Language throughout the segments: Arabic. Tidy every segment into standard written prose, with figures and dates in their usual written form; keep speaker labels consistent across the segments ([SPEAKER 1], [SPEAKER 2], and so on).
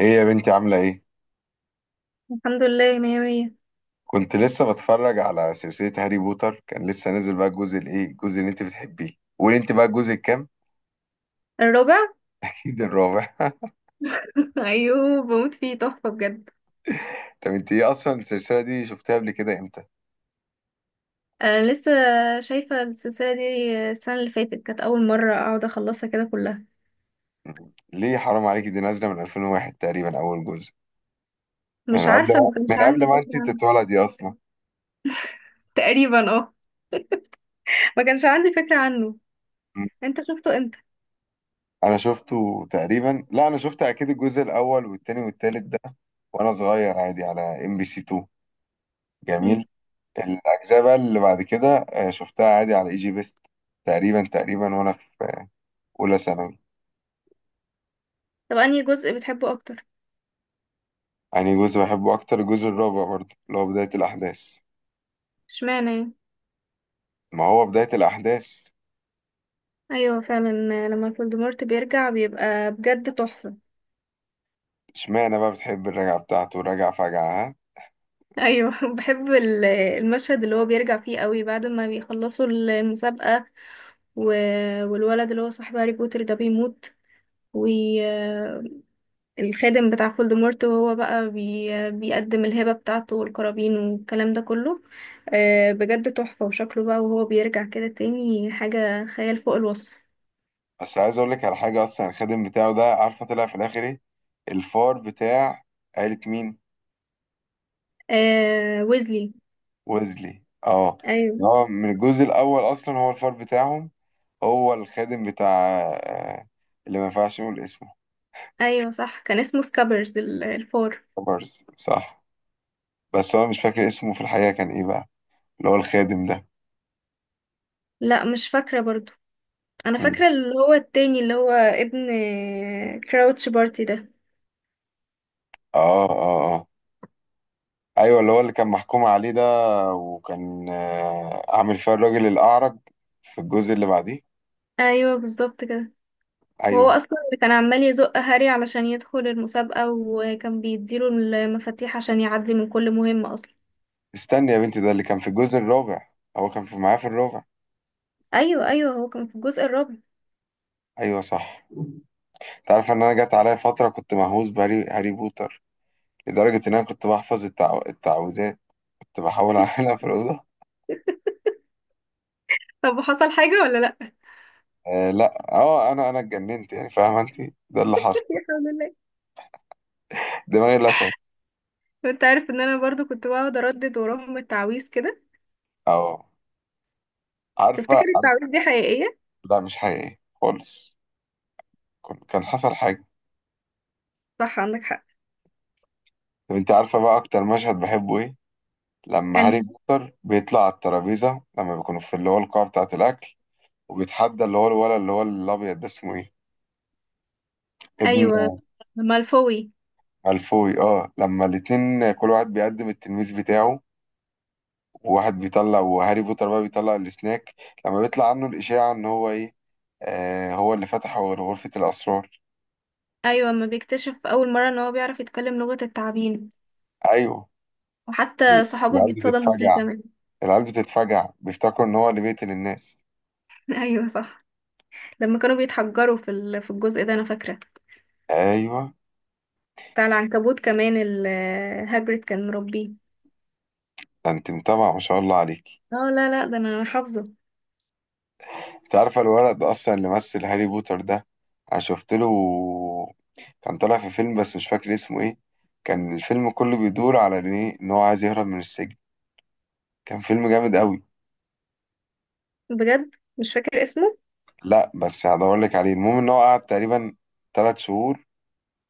[SPEAKER 1] ايه يا بنتي، عاملة ايه؟
[SPEAKER 2] الحمد لله، مية مية.
[SPEAKER 1] كنت لسه بتفرج على سلسلة هاري بوتر، كان لسه نازل بقى الجزء الايه؟ الجزء اللي انت بتحبيه. قولي انت بقى الجزء الكام؟
[SPEAKER 2] الرابع.
[SPEAKER 1] اكيد الرابع.
[SPEAKER 2] ايوه، بموت فيه، تحفه بجد.
[SPEAKER 1] طب انت ايه، اصلا السلسلة دي شفتها قبل كده امتى؟
[SPEAKER 2] انا لسه شايفه السلسله دي السنه اللي فاتت، كانت اول مره اقعد اخلصها كده كلها.
[SPEAKER 1] ليه حرام عليكي، دي نازلة من 2001 تقريبا اول جزء.
[SPEAKER 2] مش
[SPEAKER 1] يعني قبل
[SPEAKER 2] عارفه،
[SPEAKER 1] ما
[SPEAKER 2] ما كانش
[SPEAKER 1] من قبل
[SPEAKER 2] عندي
[SPEAKER 1] ما
[SPEAKER 2] فكره
[SPEAKER 1] انت
[SPEAKER 2] عنه.
[SPEAKER 1] تتولدي اصلا.
[SPEAKER 2] تقريبا اه. ما كانش عندي فكره عنه.
[SPEAKER 1] م.
[SPEAKER 2] انت شفته امتى؟
[SPEAKER 1] انا شفته تقريبا، لا انا شفت اكيد الجزء الاول والتاني والتالت ده وانا صغير عادي على MBC 2.
[SPEAKER 2] مم.
[SPEAKER 1] جميل. الأجزاء بقى اللي بعد كده شفتها عادي على اي جي بيست تقريبا تقريبا، وأنا في أولى ثانوي.
[SPEAKER 2] طب انهي جزء بتحبه اكتر؟
[SPEAKER 1] يعني جزء بحبه أكتر الجزء الرابع برضه اللي هو بداية الأحداث.
[SPEAKER 2] اشمعنى يعني؟
[SPEAKER 1] ما هو بداية الأحداث.
[SPEAKER 2] ايوه فعلا. لما فولدمورت بيرجع بيبقى بجد تحفه.
[SPEAKER 1] اشمعنى بقى بتحب الرجعة بتاعته، راجع فجعة ها.
[SPEAKER 2] ايوه بحب المشهد اللي هو بيرجع فيه قوي بعد ما بيخلصوا المسابقه و... والولد اللي هو صاحب هاري بوتر ده بيموت. والخادم بتاع فولدمورت، هو بقى بيقدم الهبة بتاعته والقرابين والكلام ده كله. بجد تحفة، وشكله بقى وهو بيرجع كده تاني حاجة خيال فوق الوصف.
[SPEAKER 1] بس عايز أقول لك على حاجة، أصلا الخادم بتاعه ده عارفة طلع في الآخر إيه؟ الفار بتاع عيلة مين؟
[SPEAKER 2] آه، ويزلي.
[SPEAKER 1] ويزلي، اه.
[SPEAKER 2] ايوه.
[SPEAKER 1] هو من الجزء الأول أصلا هو الفار بتاعهم، هو الخادم بتاع آه، اللي ما ينفعش نقول اسمه.
[SPEAKER 2] ايوه صح، كان اسمه سكابرز الفار.
[SPEAKER 1] كوبرز، صح. بس هو مش فاكر اسمه في الحقيقة كان ايه بقى، اللي هو الخادم ده.
[SPEAKER 2] لا، مش فاكرة برضو. انا
[SPEAKER 1] مم.
[SPEAKER 2] فاكرة اللي هو التاني، اللي هو ابن كراوتش بارتي ده.
[SPEAKER 1] اه اه اه، ايوه اللي هو اللي كان محكوم عليه ده. وكان عامل فيها الراجل الأعرج في الجزء اللي بعديه.
[SPEAKER 2] ايوه بالظبط كده. وهو
[SPEAKER 1] ايوه.
[SPEAKER 2] اصلا اللي كان عمال يزق هاري علشان يدخل المسابقة، وكان بيديله المفاتيح عشان يعدي من كل مهمة اصلا.
[SPEAKER 1] استني يا بنتي، ده اللي كان في الجزء الرابع، هو كان في معاه في الرابع؟
[SPEAKER 2] ايوه، ايوه، هو كان في الجزء الرابع.
[SPEAKER 1] ايوه صح. انت عارف ان انا جت عليا فترة كنت مهووس بهاري بوتر، لدرجة ان انا كنت بحفظ التعويذات، كنت بحاول اعملها في الأوضة.
[SPEAKER 2] طب وحصل حاجة ولا لا؟
[SPEAKER 1] آه لا، انا اتجننت يعني، فاهمه انت؟ ده اللي حصل،
[SPEAKER 2] الحمد لله.
[SPEAKER 1] دماغي لسعت.
[SPEAKER 2] وانت عارف ان انا برضو كنت بقعد اردد وراهم التعويذ كده.
[SPEAKER 1] أو عارفة
[SPEAKER 2] تفتكر
[SPEAKER 1] عارف-
[SPEAKER 2] التعويذ دي حقيقية؟
[SPEAKER 1] لا مش حقيقي خالص، كان حصل حاجة.
[SPEAKER 2] صح، عندك حق.
[SPEAKER 1] طب أنت عارفة بقى أكتر مشهد بحبه إيه؟ لما هاري
[SPEAKER 2] يعني.
[SPEAKER 1] بوتر بيطلع على الترابيزة لما بيكونوا في اللي هو القاعة بتاعة الأكل، وبيتحدى اللي هو الولد اللي هو الأبيض ده اسمه إيه؟ ابن
[SPEAKER 2] ايوه، مالفوي.
[SPEAKER 1] مالفوي. أه، لما الاتنين كل واحد بيقدم التلميذ بتاعه، وواحد بيطلع وهاري بوتر بقى بيطلع السناك. لما بيطلع عنه الإشاعة إن هو إيه؟ آه، هو اللي فتح غرفة الأسرار.
[SPEAKER 2] ايوه، ما بيكتشف اول مرة ان هو بيعرف يتكلم لغة التعابين.
[SPEAKER 1] أيوه.
[SPEAKER 2] وحتى صحابه
[SPEAKER 1] العيال
[SPEAKER 2] بيتصدموا فيه
[SPEAKER 1] بتتفاجئ،
[SPEAKER 2] كمان.
[SPEAKER 1] العيال بتتفجع بيفتكروا ان هو اللي بيقتل الناس.
[SPEAKER 2] ايوه صح. لما كانوا بيتحجروا في في الجزء ده، انا فاكرة
[SPEAKER 1] ايوه.
[SPEAKER 2] بتاع العنكبوت كمان هاجريد كان مربيه.
[SPEAKER 1] ده انت متابعه ما شاء الله عليك.
[SPEAKER 2] اه لا لا، ده انا حافظه.
[SPEAKER 1] انت عارفه الولد ده اصلا اللي مثل هاري بوتر ده، انا شفت له، كان طالع في فيلم بس مش فاكر اسمه ايه. كان الفيلم كله بيدور على ان ايه، ان هو عايز يهرب من السجن. كان فيلم جامد قوي.
[SPEAKER 2] بجد مش فاكر اسمه.
[SPEAKER 1] لا بس هدور لك عليه. المهم ان هو قعد تقريبا 3 شهور،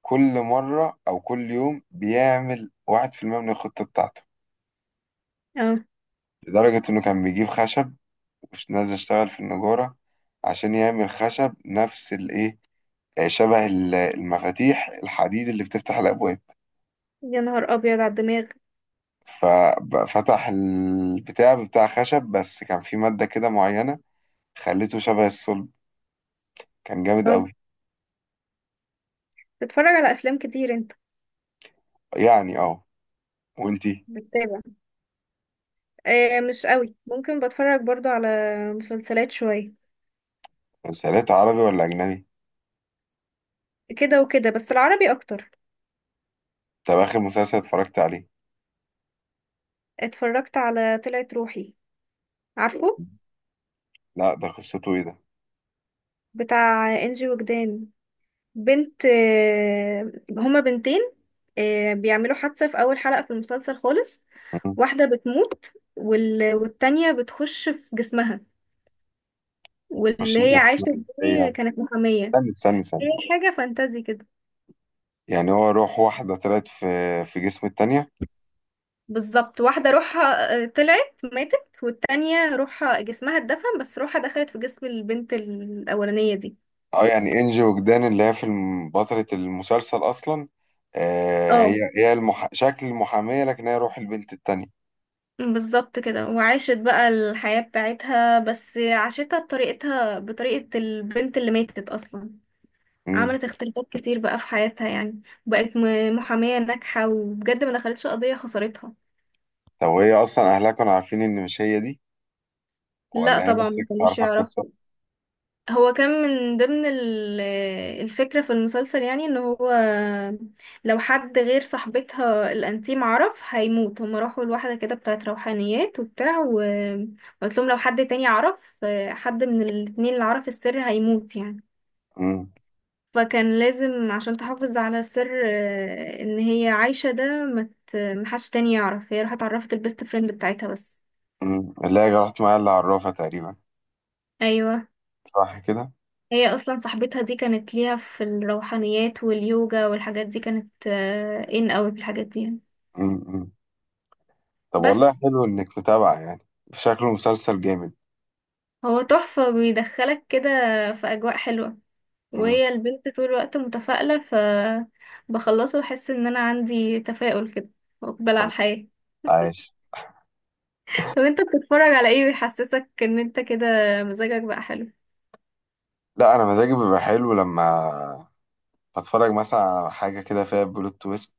[SPEAKER 1] كل مره او كل يوم بيعمل 1% من الخطه بتاعته.
[SPEAKER 2] اه،
[SPEAKER 1] لدرجه انه كان بيجيب خشب، مش نازل اشتغل في النجارة عشان يعمل خشب نفس الايه، شبه المفاتيح الحديد اللي بتفتح الابواب.
[SPEAKER 2] يا نهار ابيض على الدماغ.
[SPEAKER 1] ففتح البتاع بتاع خشب، بس كان في مادة كده معينة خليته شبه الصلب. كان جامد
[SPEAKER 2] اه،
[SPEAKER 1] قوي.
[SPEAKER 2] بتتفرج على افلام كتير انت؟
[SPEAKER 1] يعني اه. وانتي؟
[SPEAKER 2] بتتابع؟ آه مش قوي، ممكن بتفرج برضو على مسلسلات شوية.
[SPEAKER 1] مسلسلات عربي ولا اجنبي؟
[SPEAKER 2] كده وكده، بس العربي اكتر.
[SPEAKER 1] طب اخر مسلسل اتفرجت عليه؟
[SPEAKER 2] اتفرجت على طلعت روحي. عارفه؟
[SPEAKER 1] لا ده قصته ايه ده؟
[SPEAKER 2] بتاع انجي وجدان. بنت آه، هما بنتين. بيعملوا حادثة في أول حلقة في المسلسل خالص.
[SPEAKER 1] مم.
[SPEAKER 2] واحدة بتموت والتانية بتخش في جسمها،
[SPEAKER 1] خش في
[SPEAKER 2] واللي هي
[SPEAKER 1] جسم
[SPEAKER 2] عايشة
[SPEAKER 1] ازاي
[SPEAKER 2] دي
[SPEAKER 1] يعني؟
[SPEAKER 2] كانت محامية.
[SPEAKER 1] استنى استنى
[SPEAKER 2] هي
[SPEAKER 1] استنى.
[SPEAKER 2] حاجة فانتازي كده.
[SPEAKER 1] يعني هو روح واحدة طلعت في جسم التانية؟
[SPEAKER 2] بالظبط، واحدة روحها طلعت ماتت، والتانية روحها جسمها اتدفن، بس روحها دخلت في جسم البنت الأولانية دي.
[SPEAKER 1] اه، يعني انجي وجدان اللي هي في بطلة المسلسل اصلا. هي
[SPEAKER 2] اه،
[SPEAKER 1] هي شكل المحامية، لكن هي روح البنت التانية.
[SPEAKER 2] بالظبط كده، وعاشت بقى الحياة بتاعتها، بس عاشتها بطريقتها، بطريقة البنت اللي ماتت أصلا.
[SPEAKER 1] امم.
[SPEAKER 2] عملت اختلافات كتير بقى في حياتها يعني. بقت محامية ناجحة، وبجد ما دخلتش قضية خسرتها.
[SPEAKER 1] طب وهي اصلا اهلها كانوا عارفين ان مش هي دي؟
[SPEAKER 2] لا
[SPEAKER 1] ولا هي
[SPEAKER 2] طبعا،
[SPEAKER 1] بس
[SPEAKER 2] ما
[SPEAKER 1] كانت
[SPEAKER 2] كانوش
[SPEAKER 1] عارفة القصة؟
[SPEAKER 2] يعرفوا. هو كان من ضمن الفكرة في المسلسل يعني، ان هو لو حد غير صاحبتها الانتيم عرف هيموت. هما راحوا لواحدة كده بتاعت روحانيات وبتاع وقلت لهم لو حد تاني عرف، حد من الاتنين اللي عرف السر هيموت يعني.
[SPEAKER 1] امم،
[SPEAKER 2] فكان لازم عشان تحافظ على سر، ان هي عايشة ده، مت محدش تاني يعرف. هي راحت اتعرفت البيست فريند بتاعتها بس.
[SPEAKER 1] امم، اللي هي راحت معايا اللي عرفها تقريبا.
[SPEAKER 2] ايوه.
[SPEAKER 1] صح كده.
[SPEAKER 2] هي اصلا صاحبتها دي كانت ليها في الروحانيات واليوجا والحاجات دي، كانت ان قوي في الحاجات دي يعني.
[SPEAKER 1] امم، أمم. طب والله
[SPEAKER 2] بس
[SPEAKER 1] حلو انك متابعة يعني. شكله مسلسل جامد.
[SPEAKER 2] هو تحفة، بيدخلك كده في اجواء حلوة،
[SPEAKER 1] امم.
[SPEAKER 2] وهي البنت طول الوقت متفائلة بخلصه واحس ان انا عندي تفاؤل كده، واقبل على
[SPEAKER 1] طب
[SPEAKER 2] الحياة.
[SPEAKER 1] عايش.
[SPEAKER 2] طب انت بتتفرج على ايه بيحسسك ان انت كده مزاجك بقى حلو؟
[SPEAKER 1] لا انا مزاجي بيبقى حلو لما هتفرج مثلا على حاجة كده فيها بلوت تويست،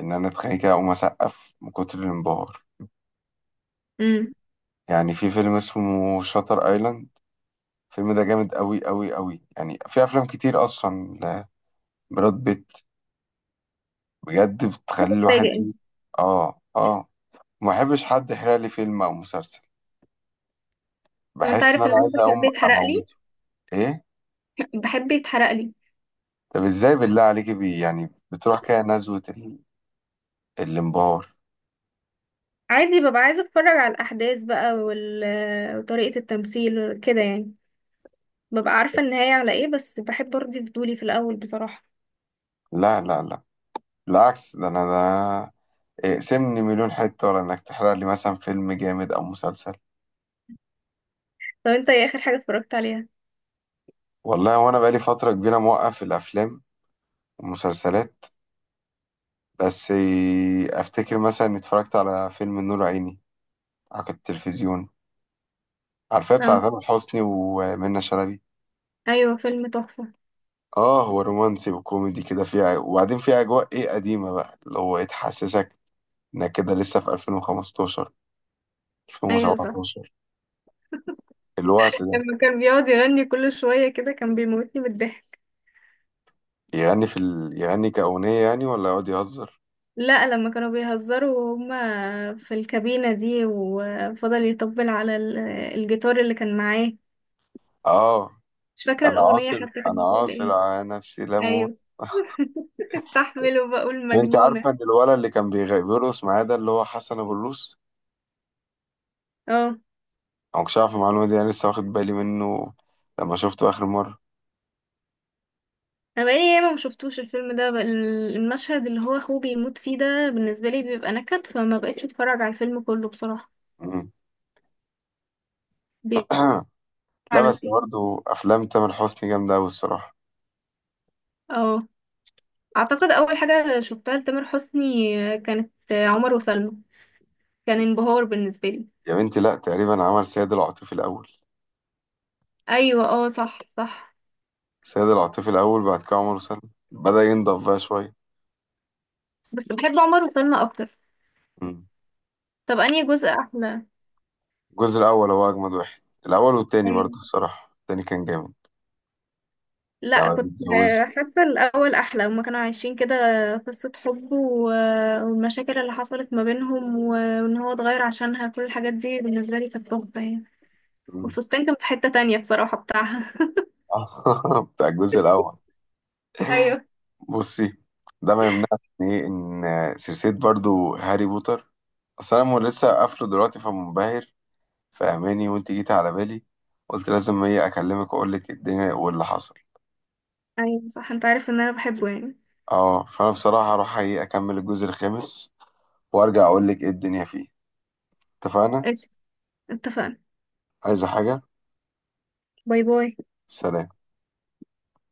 [SPEAKER 1] إن أنا أتخيل كده أقوم أسقف من كتر الانبهار.
[SPEAKER 2] امم.
[SPEAKER 1] يعني في فيلم اسمه شاتر أيلاند، الفيلم ده جامد أوي أوي أوي، يعني في أفلام كتير أصلا لبراد بيت. بجد بتخلي الواحد
[SPEAKER 2] بتتفاجئ
[SPEAKER 1] إيه؟
[SPEAKER 2] انت.
[SPEAKER 1] آه آه. ما بحبش حد يحرق لي فيلم أو مسلسل،
[SPEAKER 2] وانت
[SPEAKER 1] بحس إن
[SPEAKER 2] عارف ان
[SPEAKER 1] أنا
[SPEAKER 2] انا
[SPEAKER 1] عايز أقوم
[SPEAKER 2] بحب يتحرق لي.
[SPEAKER 1] أموته. إيه؟
[SPEAKER 2] بحب يتحرق لي.
[SPEAKER 1] طب إزاي بالله عليك، يعني بتروح كده نزوة الانبهار.
[SPEAKER 2] عادي، ببقى عايزه اتفرج على الاحداث بقى وطريقه التمثيل كده يعني. ببقى عارفه النهايه على ايه، بس بحب ارضي فضولي في الاول بصراحه.
[SPEAKER 1] لا لا لا، بالعكس ده، أنا ده اقسمني مليون حتة ولا إنك تحرق لي مثلا فيلم جامد أو مسلسل.
[SPEAKER 2] طب انت ايه اخر حاجه اتفرجت عليها؟
[SPEAKER 1] والله وأنا بقالي فترة كبيرة موقف الأفلام والمسلسلات. بس أفتكر مثلا إني اتفرجت على فيلم نور عيني على التلفزيون. عارفاه؟ بتاع
[SPEAKER 2] اه.
[SPEAKER 1] تامر حسني ومنى شلبي.
[SPEAKER 2] ايوه، فيلم تحفه.
[SPEAKER 1] آه، هو رومانسي وكوميدي كده فيها، وبعدين فيه أجواء إيه قديمة بقى اللي هو إيه تحسسك إنك كده لسه في 2015،
[SPEAKER 2] ايوه صح.
[SPEAKER 1] 2017، الوقت ده.
[SPEAKER 2] لما كان بيقعد يغني كل شويه كده، كان بيموتني بالضحك.
[SPEAKER 1] يغني كأغنية يعني، ولا يقعد يهزر؟
[SPEAKER 2] لا، لما كانوا بيهزروا وهما في الكابينه دي، وفضل يطبل على الجيتار اللي كان معاه.
[SPEAKER 1] آه.
[SPEAKER 2] مش فاكره
[SPEAKER 1] انا
[SPEAKER 2] الاغنيه
[SPEAKER 1] عاصر
[SPEAKER 2] حتى
[SPEAKER 1] انا
[SPEAKER 2] كانت بتقول
[SPEAKER 1] عاصر
[SPEAKER 2] ايه.
[SPEAKER 1] على نفسي لموت.
[SPEAKER 2] ايوه. استحمل وبقول
[SPEAKER 1] وانت عارفه
[SPEAKER 2] مجنونة.
[SPEAKER 1] ان الولد اللي كان بيرقص معايا ده، اللي هو حسن ابو الروس.
[SPEAKER 2] اه.
[SPEAKER 1] انا مكنتش عارف المعلومه دي، انا لسه واخد بالي منه لما شفته اخر مره.
[SPEAKER 2] انا بقالي ياما ما شفتوش الفيلم ده. بقى المشهد اللي هو اخوه بيموت فيه ده بالنسبة لي بيبقى نكد، فما بقتش اتفرج على الفيلم كله بصراحة.
[SPEAKER 1] مم.
[SPEAKER 2] بي-
[SPEAKER 1] لا
[SPEAKER 2] على
[SPEAKER 1] بس
[SPEAKER 2] ايه.
[SPEAKER 1] برضه افلام تامر حسني جامده قوي الصراحه.
[SPEAKER 2] اه، اعتقد اول حاجة شفتها لتامر حسني كانت عمر وسلمى. كان انبهار بالنسبة لي.
[SPEAKER 1] يا بنتي لا، تقريبا عمل سيد العاطفي الاول.
[SPEAKER 2] ايوه اه، صح صح.
[SPEAKER 1] سيد العاطفي الاول، بعد كده عمر وسلمى، بدا ينضف بقى شويه.
[SPEAKER 2] بس بحب عمر وسلمى اكتر.
[SPEAKER 1] مم.
[SPEAKER 2] طب انهي جزء احلى؟
[SPEAKER 1] الجزء الاول هو اجمد واحد، الاول والتاني برضه الصراحه، التاني كان جامد
[SPEAKER 2] لا
[SPEAKER 1] لما
[SPEAKER 2] كنت.
[SPEAKER 1] بيتجوزوا.
[SPEAKER 2] حاسة الأول أحلى، هما كانوا عايشين كده قصة حب والمشاكل اللي حصلت ما بينهم، وإن هو اتغير عشانها، كل الحاجات دي بالنسبة لي كانت تحفة يعني.
[SPEAKER 1] مم.
[SPEAKER 2] والفستان كان في حتة تانية بصراحة بتاعها.
[SPEAKER 1] بتاع الجزء الاول.
[SPEAKER 2] أيوه.
[SPEAKER 1] بصي، ده ما يمنعش ان ايه، ان سلسله برضو هاري بوتر، اصل انا لسه قافله دلوقتي فمنبهر، فاهماني؟ وانت جيت على بالي، قلت لازم ايه اكلمك واقول لك الدنيا واللي حصل.
[SPEAKER 2] أيوه صح، أنت عارف إن أنا بحبه يعني.
[SPEAKER 1] اه، فانا بصراحه هروح ايه اكمل الجزء الخامس، وارجع اقول لك ايه الدنيا فيه. اتفقنا؟
[SPEAKER 2] قشطة. اتفقنا.
[SPEAKER 1] عايزه حاجه؟
[SPEAKER 2] باي باي.
[SPEAKER 1] سلام.